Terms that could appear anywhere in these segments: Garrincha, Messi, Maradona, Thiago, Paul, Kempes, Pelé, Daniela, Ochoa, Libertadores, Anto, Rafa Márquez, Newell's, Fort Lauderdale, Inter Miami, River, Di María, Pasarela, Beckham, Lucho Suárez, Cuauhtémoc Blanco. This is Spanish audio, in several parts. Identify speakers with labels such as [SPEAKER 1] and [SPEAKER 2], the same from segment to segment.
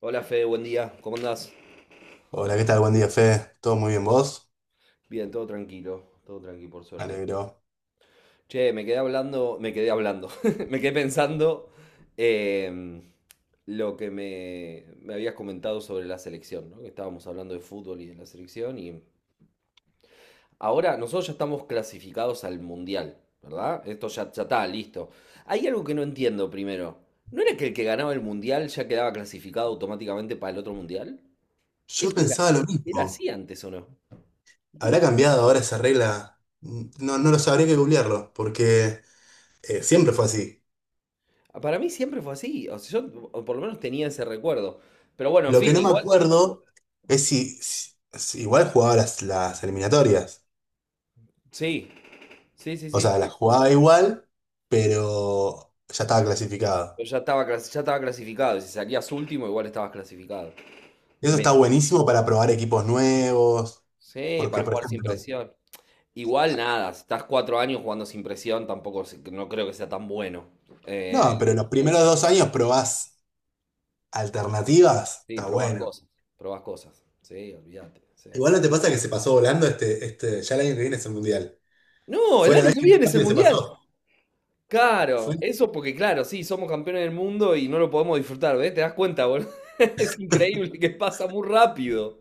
[SPEAKER 1] Hola Fede, buen día, ¿cómo andás?
[SPEAKER 2] Hola, ¿qué tal? Buen día, Fe. ¿Todo muy bien vos?
[SPEAKER 1] Bien, todo tranquilo por
[SPEAKER 2] Me
[SPEAKER 1] suerte.
[SPEAKER 2] alegro.
[SPEAKER 1] Che, me quedé hablando, me quedé pensando em, lo que me habías comentado sobre la selección, ¿no? Que estábamos hablando de fútbol y de la selección y ahora nosotros ya estamos clasificados al mundial, ¿verdad? Esto ya, ya está, listo. Hay algo que no entiendo primero. ¿No era que el que ganaba el mundial ya quedaba clasificado automáticamente para el otro mundial?
[SPEAKER 2] Yo
[SPEAKER 1] Eso era,
[SPEAKER 2] pensaba lo
[SPEAKER 1] era
[SPEAKER 2] mismo.
[SPEAKER 1] así antes, ¿o no? ¿Y qué
[SPEAKER 2] ¿Habrá
[SPEAKER 1] pasó?
[SPEAKER 2] cambiado ahora esa regla? No, no lo sabría que googlearlo, porque siempre fue así.
[SPEAKER 1] Para mí siempre fue así, o sea, yo o por lo menos tenía ese recuerdo. Pero bueno, en
[SPEAKER 2] Lo que
[SPEAKER 1] fin,
[SPEAKER 2] no me
[SPEAKER 1] igual,
[SPEAKER 2] acuerdo es si igual jugaba las eliminatorias.
[SPEAKER 1] sí, sí, sí,
[SPEAKER 2] O
[SPEAKER 1] sí.
[SPEAKER 2] sea, las jugaba igual, pero ya estaba clasificado.
[SPEAKER 1] Pero ya estaba, ya estaba clasificado, y si salías último, igual estabas clasificado.
[SPEAKER 2] Y eso está
[SPEAKER 1] Me-
[SPEAKER 2] buenísimo para probar equipos nuevos,
[SPEAKER 1] sí,
[SPEAKER 2] porque,
[SPEAKER 1] para
[SPEAKER 2] por
[SPEAKER 1] jugar sin
[SPEAKER 2] ejemplo,
[SPEAKER 1] presión. Igual nada, si estás 4 años jugando sin presión, tampoco no creo que sea tan bueno. Eh,
[SPEAKER 2] no, pero los primeros dos años probás alternativas,
[SPEAKER 1] sí,
[SPEAKER 2] está
[SPEAKER 1] probás
[SPEAKER 2] bueno.
[SPEAKER 1] cosas, probás cosas. Sí, olvídate, sí.
[SPEAKER 2] Igual no te pasa que se pasó volando este, ya el año que viene es el mundial.
[SPEAKER 1] No,
[SPEAKER 2] Fue
[SPEAKER 1] el
[SPEAKER 2] la
[SPEAKER 1] año
[SPEAKER 2] vez
[SPEAKER 1] que
[SPEAKER 2] que más
[SPEAKER 1] viene es el
[SPEAKER 2] rápido se pasó.
[SPEAKER 1] mundial. Claro,
[SPEAKER 2] Fue-
[SPEAKER 1] eso porque claro, sí, somos campeones del mundo y no lo podemos disfrutar, ¿ves? ¿Te das cuenta, boludo? Es increíble que pasa muy rápido.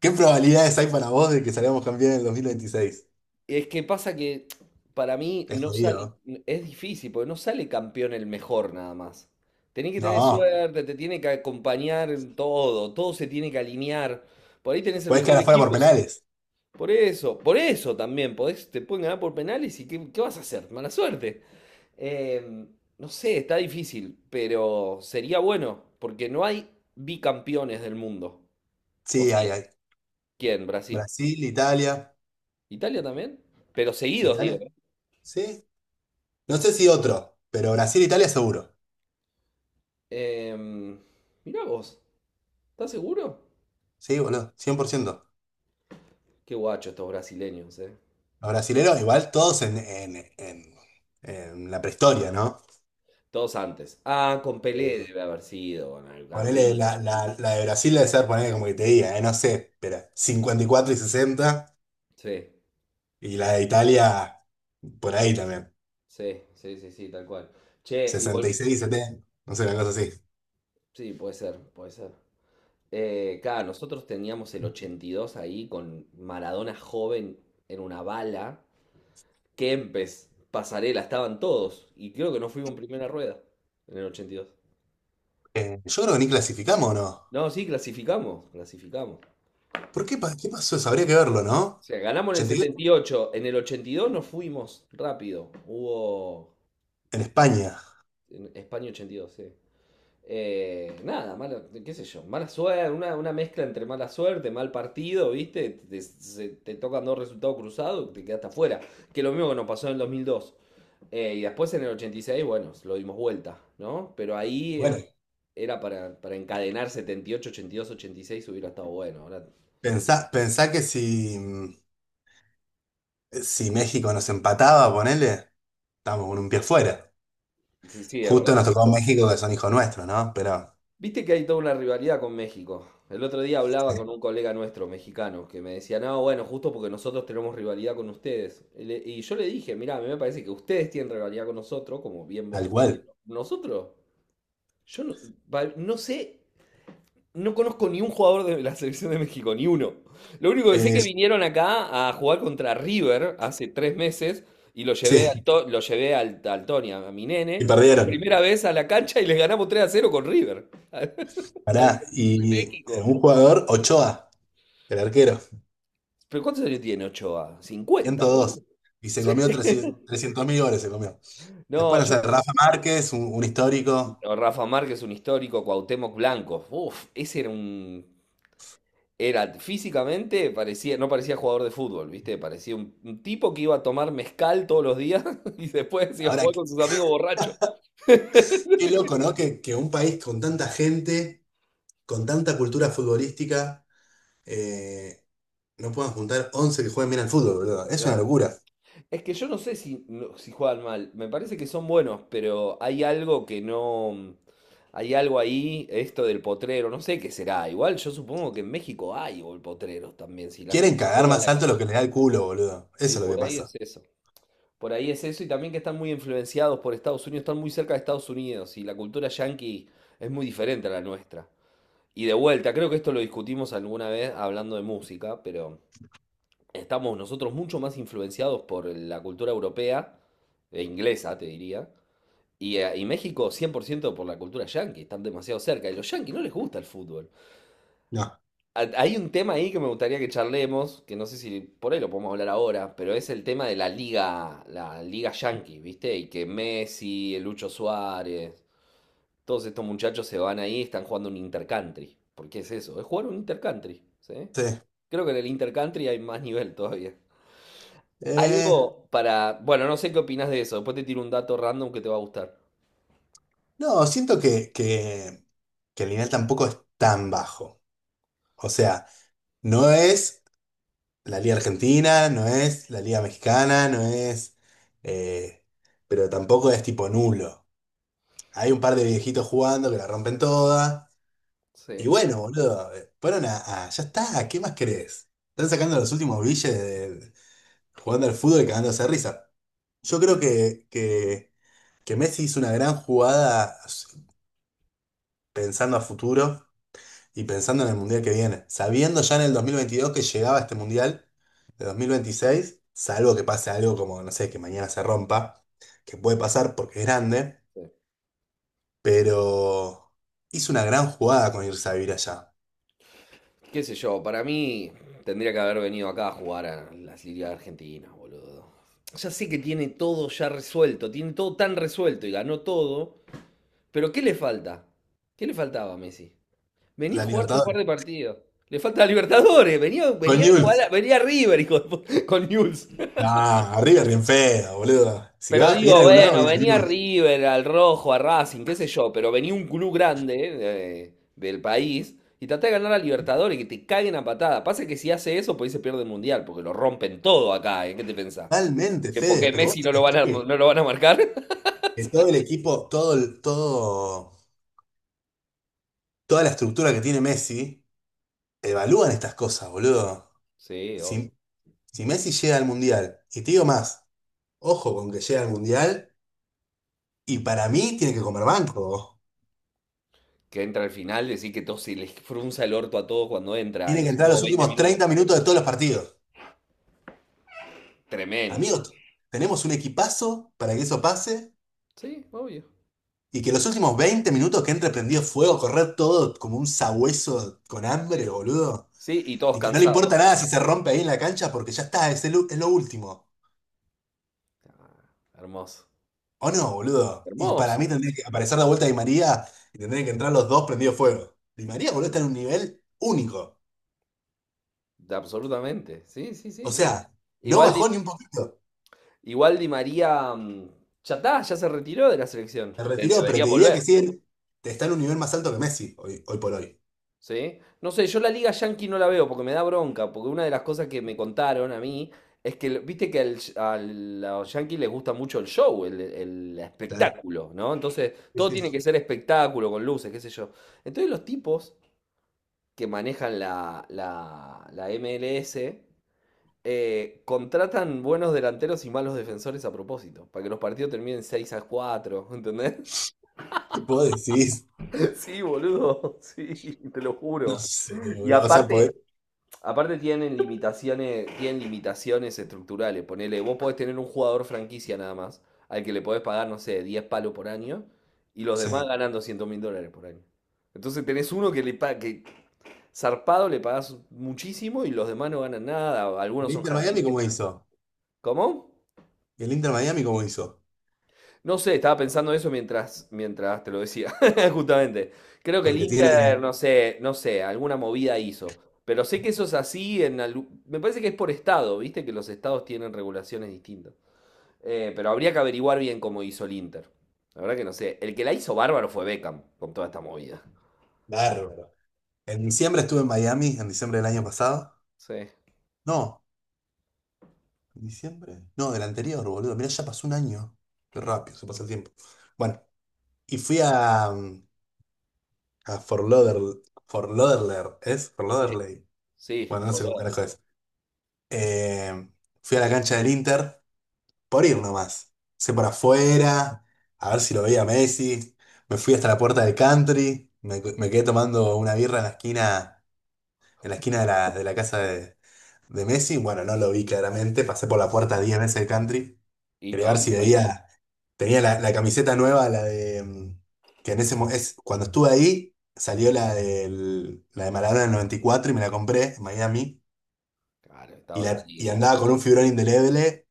[SPEAKER 2] ¿Qué probabilidades hay para vos de que salgamos campeón en el 2026?
[SPEAKER 1] Es que pasa que para mí
[SPEAKER 2] Es
[SPEAKER 1] no sale,
[SPEAKER 2] jodido.
[SPEAKER 1] es difícil, porque no sale campeón el mejor nada más. Tenés que
[SPEAKER 2] No,
[SPEAKER 1] tener
[SPEAKER 2] no.
[SPEAKER 1] suerte, te tiene que acompañar en todo, todo se tiene que alinear. Por ahí tenés el
[SPEAKER 2] Podés
[SPEAKER 1] mejor
[SPEAKER 2] quedar afuera por
[SPEAKER 1] equipo, y
[SPEAKER 2] penales.
[SPEAKER 1] por eso también, podés, te pueden ganar por penales y ¿qué, qué vas a hacer? Mala suerte. Eh, no sé, está difícil, pero sería bueno, porque no hay bicampeones del mundo. O
[SPEAKER 2] Sí,
[SPEAKER 1] sea,
[SPEAKER 2] hay, hay.
[SPEAKER 1] ¿quién? Brasil.
[SPEAKER 2] Brasil, Italia.
[SPEAKER 1] ¿Italia también? Pero seguidos, digo.
[SPEAKER 2] ¿Italia?
[SPEAKER 1] ¿Eh?
[SPEAKER 2] Sí. No sé si otro, pero Brasil, Italia seguro.
[SPEAKER 1] Em, mirá vos, ¿estás seguro?
[SPEAKER 2] Sí, boludo, 100%.
[SPEAKER 1] Qué guacho estos brasileños, ¿eh?
[SPEAKER 2] Los brasileros, igual todos en la prehistoria, ¿no?
[SPEAKER 1] Todos antes. Ah, con Pelé
[SPEAKER 2] Eh,
[SPEAKER 1] debe haber sido, con el
[SPEAKER 2] Ponele la,
[SPEAKER 1] Garrincha.
[SPEAKER 2] la, la de Brasil debe ser, ponele como que te diga, no sé, pero 54 y 60,
[SPEAKER 1] Sí,
[SPEAKER 2] y la de Italia por ahí también,
[SPEAKER 1] sí, sí, sí, sí, tal cual. Che,
[SPEAKER 2] sesenta
[SPEAKER 1] igual,
[SPEAKER 2] y seis y 70, no sé, una cosa así.
[SPEAKER 1] sí, puede ser, puede ser. Claro, nosotros teníamos el 82 ahí con Maradona joven en una bala. Kempes, Pasarela, estaban todos. Y creo que no fuimos en primera rueda en el ochenta y dos.
[SPEAKER 2] Yo creo que ni clasificamos o no.
[SPEAKER 1] No, sí, clasificamos, clasificamos.
[SPEAKER 2] ¿Por qué, qué pasó eso? Habría que verlo,
[SPEAKER 1] O
[SPEAKER 2] ¿no?
[SPEAKER 1] sea, ganamos en el
[SPEAKER 2] 82
[SPEAKER 1] setenta y ocho. En el 82 nos fuimos rápido. Hubo
[SPEAKER 2] en España.
[SPEAKER 1] en España ochenta y dos, sí. Nada, mala, qué sé yo, mala suerte, una mezcla entre mala suerte, mal partido, ¿viste? Te, te tocan dos resultados cruzados, te quedaste afuera. Que lo mismo que nos pasó en el 2002. Y después en el 86, bueno, lo dimos vuelta, ¿no? Pero ahí
[SPEAKER 2] Bueno,
[SPEAKER 1] era para encadenar 78, 82, 86, hubiera estado bueno. Ahora,
[SPEAKER 2] pensá que si, si México nos empataba, ponele, estábamos con un pie fuera.
[SPEAKER 1] sí, es
[SPEAKER 2] Justo nos
[SPEAKER 1] verdad.
[SPEAKER 2] tocó México, que son hijos nuestros, ¿no? Pero
[SPEAKER 1] Viste que hay toda una rivalidad con México. El otro día hablaba
[SPEAKER 2] sí,
[SPEAKER 1] con un colega nuestro, mexicano, que me decía, no, bueno, justo porque nosotros tenemos rivalidad con ustedes. Y, y yo le dije, mirá, a mí me parece que ustedes tienen rivalidad con nosotros, como bien vos
[SPEAKER 2] tal
[SPEAKER 1] decís,
[SPEAKER 2] cual.
[SPEAKER 1] pero nosotros, yo no, no sé, no conozco ni un jugador de la selección de México, ni uno. Lo único que sé es
[SPEAKER 2] Eh,
[SPEAKER 1] que vinieron acá a jugar contra River hace 3 meses y lo llevé
[SPEAKER 2] sí,
[SPEAKER 1] Lo llevé al Tony, a mi
[SPEAKER 2] y
[SPEAKER 1] nene, por
[SPEAKER 2] perdieron.
[SPEAKER 1] primera vez a la cancha y les ganamos 3-0 con River a la
[SPEAKER 2] Pará,
[SPEAKER 1] selección de
[SPEAKER 2] y
[SPEAKER 1] México.
[SPEAKER 2] un jugador, Ochoa, el arquero,
[SPEAKER 1] ¿Pero cuántos años tiene Ochoa? 50,
[SPEAKER 2] ciento
[SPEAKER 1] boludo?
[SPEAKER 2] dos Y se
[SPEAKER 1] Sí.
[SPEAKER 2] comió 300 mil goles, se comió.
[SPEAKER 1] No,
[SPEAKER 2] Después, no sé,
[SPEAKER 1] yo.
[SPEAKER 2] Rafa Márquez, un histórico.
[SPEAKER 1] No, Rafa Márquez, un histórico, Cuauhtémoc Blanco. Uf, ese era un. Era físicamente, parecía, no parecía jugador de fútbol, ¿viste? Parecía un tipo que iba a tomar mezcal todos los días y después iba a
[SPEAKER 2] Ahora,
[SPEAKER 1] jugar
[SPEAKER 2] qué,
[SPEAKER 1] con sus amigos borrachos.
[SPEAKER 2] qué loco, ¿no? Que un país con tanta gente, con tanta cultura futbolística, eh, no puedan juntar 11 que jueguen bien al fútbol, boludo. Es una
[SPEAKER 1] Ah,
[SPEAKER 2] locura.
[SPEAKER 1] es que yo no sé si, si juegan mal, me parece que son buenos, pero hay algo que no... Hay algo ahí, esto del potrero, no sé qué será. Igual yo supongo que en México hay potreros también, si la
[SPEAKER 2] Quieren
[SPEAKER 1] gente
[SPEAKER 2] cagar
[SPEAKER 1] juega en
[SPEAKER 2] más
[SPEAKER 1] la
[SPEAKER 2] alto lo
[SPEAKER 1] calle.
[SPEAKER 2] que les da el culo, boludo.
[SPEAKER 1] Y
[SPEAKER 2] Eso es lo que
[SPEAKER 1] por ahí
[SPEAKER 2] pasa.
[SPEAKER 1] es eso. Por ahí es eso y también que están muy influenciados por Estados Unidos, están muy cerca de Estados Unidos y la cultura yanqui es muy diferente a la nuestra. Y de vuelta, creo que esto lo discutimos alguna vez hablando de música, pero estamos nosotros mucho más influenciados por la cultura europea, e inglesa, te diría, y México 100% por ciento por la cultura yanqui, están demasiado cerca. Y a los yanquis no les gusta el fútbol.
[SPEAKER 2] No.
[SPEAKER 1] Hay un tema ahí que me gustaría que charlemos, que no sé si por ahí lo podemos hablar ahora, pero es el tema de la liga yanqui, ¿viste? Y que Messi, el Lucho Suárez, todos estos muchachos se van ahí, están jugando un intercountry. ¿Por qué es eso? Es jugar un intercountry, ¿sí?
[SPEAKER 2] Sí.
[SPEAKER 1] Creo que en el intercountry hay más nivel todavía.
[SPEAKER 2] Eh,
[SPEAKER 1] Algo para... Bueno, no sé qué opinas de eso. Después te tiro un dato random que te va a gustar.
[SPEAKER 2] no, siento que el nivel tampoco es tan bajo. O sea, no es la Liga Argentina, no es la Liga Mexicana, no es, eh, pero tampoco es tipo nulo. Hay un par de viejitos jugando que la rompen toda. Y
[SPEAKER 1] Sí,
[SPEAKER 2] bueno, boludo, fueron ya está, ¿qué más querés? Están sacando los últimos billetes jugando al fútbol y cagándose de risa. Yo creo que Messi hizo una gran jugada pensando a futuro. Y pensando en el mundial que viene, sabiendo ya en el 2022 que llegaba este mundial de 2026, salvo que pase algo como, no sé, que mañana se rompa, que puede pasar porque es grande,
[SPEAKER 1] sí.
[SPEAKER 2] pero hizo una gran jugada con irse a vivir allá.
[SPEAKER 1] Qué sé yo, para mí tendría que haber venido acá a jugar a las ligas argentinas, boludo. Ya sé que tiene todo ya resuelto, tiene todo tan resuelto y ganó todo, pero ¿qué le falta? ¿Qué le faltaba a Messi? Venía a
[SPEAKER 2] La
[SPEAKER 1] jugar un par
[SPEAKER 2] Libertadores.
[SPEAKER 1] de partidos. Le falta a Libertadores, venía,
[SPEAKER 2] Con
[SPEAKER 1] venía a jugar
[SPEAKER 2] Newell's.
[SPEAKER 1] venía a River hijo de con News.
[SPEAKER 2] Ah, River bien feo, boludo. Si
[SPEAKER 1] Pero
[SPEAKER 2] va, viene
[SPEAKER 1] digo,
[SPEAKER 2] a algún lado,
[SPEAKER 1] bueno,
[SPEAKER 2] viene a
[SPEAKER 1] venía
[SPEAKER 2] Newell's.
[SPEAKER 1] River, al Rojo, a Racing, qué sé yo, pero venía un club grande del país y traté de ganar a Libertadores, que te caguen a patada. Pasa que si hace eso, pues ahí se pierde el Mundial, porque lo rompen todo acá, ¿eh? ¿Qué te pensás?
[SPEAKER 2] Totalmente,
[SPEAKER 1] ¿Que
[SPEAKER 2] Fede,
[SPEAKER 1] porque
[SPEAKER 2] pero vos
[SPEAKER 1] Messi
[SPEAKER 2] te
[SPEAKER 1] no lo van
[SPEAKER 2] pensás
[SPEAKER 1] a, no lo van a marcar?
[SPEAKER 2] que todo el equipo, toda la estructura que tiene Messi, evalúan estas cosas, boludo.
[SPEAKER 1] Sí, obvio.
[SPEAKER 2] Si Si Messi llega al Mundial, y te digo más, ojo con que llega al Mundial, y para mí tiene que comer banco.
[SPEAKER 1] Que entra al final, decir que todos se les frunza el orto a todos cuando entra,
[SPEAKER 2] Tiene que
[SPEAKER 1] los
[SPEAKER 2] entrar
[SPEAKER 1] últimos
[SPEAKER 2] los
[SPEAKER 1] veinte
[SPEAKER 2] últimos
[SPEAKER 1] minutos.
[SPEAKER 2] 30 minutos de todos los partidos.
[SPEAKER 1] Tremendo.
[SPEAKER 2] Amigos, tenemos un equipazo para que eso pase,
[SPEAKER 1] Sí, obvio.
[SPEAKER 2] y que los últimos 20 minutos que entre prendido fuego, correr todo como un sabueso con
[SPEAKER 1] Sí,
[SPEAKER 2] hambre, boludo.
[SPEAKER 1] sí, y todos
[SPEAKER 2] Y que no le
[SPEAKER 1] cansados.
[SPEAKER 2] importa nada si se rompe ahí en la cancha, porque ya está, es, es lo último.
[SPEAKER 1] Ah, hermoso.
[SPEAKER 2] ¿O no, boludo? Y para
[SPEAKER 1] Hermoso.
[SPEAKER 2] mí tendría que aparecer la vuelta Di María, y tendrían que entrar los dos prendidos fuego. Di María, boludo, está en un nivel único.
[SPEAKER 1] Absolutamente. Sí, sí,
[SPEAKER 2] O
[SPEAKER 1] sí, sí.
[SPEAKER 2] sea, no
[SPEAKER 1] Igual
[SPEAKER 2] bajó
[SPEAKER 1] Di,
[SPEAKER 2] ni un poquito.
[SPEAKER 1] igual Di María, ya está, ya se retiró de la selección.
[SPEAKER 2] Se retiró, pero
[SPEAKER 1] Debería
[SPEAKER 2] te diría que
[SPEAKER 1] volver.
[SPEAKER 2] siguen, está en un nivel más alto que Messi hoy, hoy por hoy.
[SPEAKER 1] ¿Sí? No sé, yo la Liga Yankee no la veo porque me da bronca, porque una de las cosas que me contaron a mí es que, viste que a los Yankees les gusta mucho el show, el
[SPEAKER 2] Claro.
[SPEAKER 1] espectáculo, ¿no? Entonces,
[SPEAKER 2] Sí,
[SPEAKER 1] todo tiene
[SPEAKER 2] sí.
[SPEAKER 1] que ser espectáculo, con luces, qué sé yo. Entonces, los tipos que manejan la MLS. Contratan buenos delanteros y malos defensores a propósito, para que los partidos terminen 6-4, ¿entendés?
[SPEAKER 2] Vos decís,
[SPEAKER 1] Sí, boludo, sí, te lo
[SPEAKER 2] no
[SPEAKER 1] juro.
[SPEAKER 2] sé,
[SPEAKER 1] Y
[SPEAKER 2] boludo. O sea, podés.
[SPEAKER 1] aparte, aparte tienen limitaciones estructurales. Ponele, vos podés tener un jugador franquicia nada más, al que le podés pagar, no sé, 10 palos por año, y los demás
[SPEAKER 2] Sí.
[SPEAKER 1] ganan 200.000 dólares por año. Entonces tenés uno que que zarpado le pagás muchísimo y los demás no ganan nada,
[SPEAKER 2] ¿El
[SPEAKER 1] algunos son
[SPEAKER 2] Inter Miami cómo
[SPEAKER 1] jardineros.
[SPEAKER 2] hizo?
[SPEAKER 1] ¿Cómo?
[SPEAKER 2] ¿El Inter Miami cómo hizo?
[SPEAKER 1] No sé, estaba pensando eso mientras te lo decía, justamente. Creo que el
[SPEAKER 2] Porque
[SPEAKER 1] Inter,
[SPEAKER 2] tiene.
[SPEAKER 1] no sé, no sé, alguna movida hizo. Pero sé que eso es así en me parece que es por estado, viste que los estados tienen regulaciones distintas. Pero habría que averiguar bien cómo hizo el Inter. La verdad que no sé. El que la hizo bárbaro fue Beckham con toda esta movida.
[SPEAKER 2] Bárbaro. En diciembre estuve en Miami, en diciembre del año pasado.
[SPEAKER 1] Sí,
[SPEAKER 2] No, en diciembre. No, del anterior, boludo. Mirá, ya pasó un año. Qué rápido, se pasa el tiempo. Bueno, y fui a, a Fort Lauderdale. Fort Lauderdale, ¿es? Fort
[SPEAKER 1] sí,
[SPEAKER 2] Lauderdale.
[SPEAKER 1] sí,
[SPEAKER 2] Bueno, no
[SPEAKER 1] por
[SPEAKER 2] sé cómo carajo es. Eh, Fui a la cancha del Inter por ir nomás. Sé por afuera, a ver si lo veía Messi. Me fui hasta la puerta del country. Me quedé tomando una birra en la esquina de de la casa de Messi. Bueno, no lo vi claramente. Pasé por la puerta 10 veces del country.
[SPEAKER 1] y
[SPEAKER 2] Quería ver
[SPEAKER 1] no, no
[SPEAKER 2] si
[SPEAKER 1] salió.
[SPEAKER 2] veía. Tenía la camiseta nueva, la de. Que en ese cuando estuve ahí, salió la de Maradona del 94 y cuatro y me la compré en Miami.
[SPEAKER 1] Claro,
[SPEAKER 2] Y,
[SPEAKER 1] estabas
[SPEAKER 2] la, y
[SPEAKER 1] ahí.
[SPEAKER 2] andaba con un figurón indeleble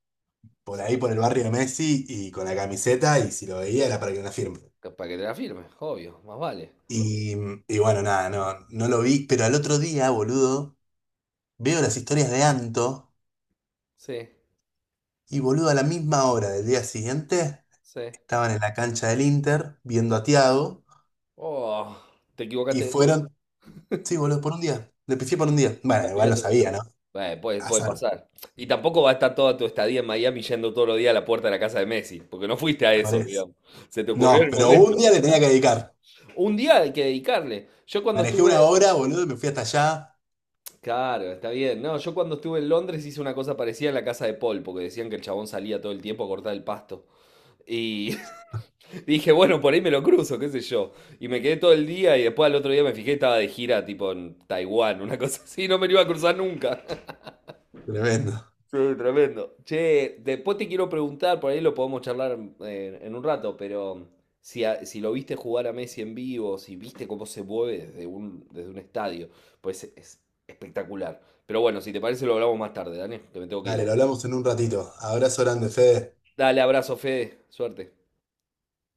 [SPEAKER 2] por ahí,
[SPEAKER 1] Sí.
[SPEAKER 2] por el barrio de Messi, y con la camiseta, y si lo veía era para que me la firme.
[SPEAKER 1] Para que te la firme, obvio, más vale.
[SPEAKER 2] Y, y bueno, nada, no, no lo vi, pero al otro día, boludo, veo las historias de Anto,
[SPEAKER 1] Sí,
[SPEAKER 2] y boludo, a la misma hora del día siguiente,
[SPEAKER 1] sí.
[SPEAKER 2] estaban en la cancha del Inter, viendo a Thiago,
[SPEAKER 1] Oh, te
[SPEAKER 2] y
[SPEAKER 1] equivocaste de día.
[SPEAKER 2] fueron, sí, boludo, por un día, le pifié por un día.
[SPEAKER 1] La
[SPEAKER 2] Bueno, igual
[SPEAKER 1] lluvia
[SPEAKER 2] lo
[SPEAKER 1] te puede,
[SPEAKER 2] sabía, ¿no?
[SPEAKER 1] bueno, puede, puede
[SPEAKER 2] Azar,
[SPEAKER 1] pasar. Y tampoco va a estar toda tu estadía en Miami yendo todos los días a la puerta de la casa de Messi, porque no fuiste a
[SPEAKER 2] por
[SPEAKER 1] eso,
[SPEAKER 2] eso.
[SPEAKER 1] digamos. Se te ocurrió
[SPEAKER 2] No,
[SPEAKER 1] en el
[SPEAKER 2] pero
[SPEAKER 1] momento.
[SPEAKER 2] un día le tenía que dedicar.
[SPEAKER 1] Un día hay que dedicarle. Yo cuando
[SPEAKER 2] Manejé una
[SPEAKER 1] estuve,
[SPEAKER 2] hora, boludo, y me fui hasta allá.
[SPEAKER 1] claro, está bien. No, yo cuando estuve en Londres hice una cosa parecida en la casa de Paul, porque decían que el chabón salía todo el tiempo a cortar el pasto. Y dije, bueno, por ahí me lo cruzo, qué sé yo. Y me quedé todo el día y después al otro día me fijé, estaba de gira tipo en Taiwán, una cosa así, no me lo iba a cruzar nunca.
[SPEAKER 2] Tremendo.
[SPEAKER 1] Sí, tremendo. Che, después te quiero preguntar, por ahí lo podemos charlar en un rato, pero si lo viste jugar a Messi en vivo, si viste cómo se mueve desde desde un estadio, pues es espectacular. Pero bueno, si te parece lo hablamos más tarde, Dani, que me tengo que ir.
[SPEAKER 2] Dale, lo
[SPEAKER 1] Ahora.
[SPEAKER 2] hablamos en un ratito. Abrazo grande, Fede.
[SPEAKER 1] Dale, abrazo, Fede, suerte.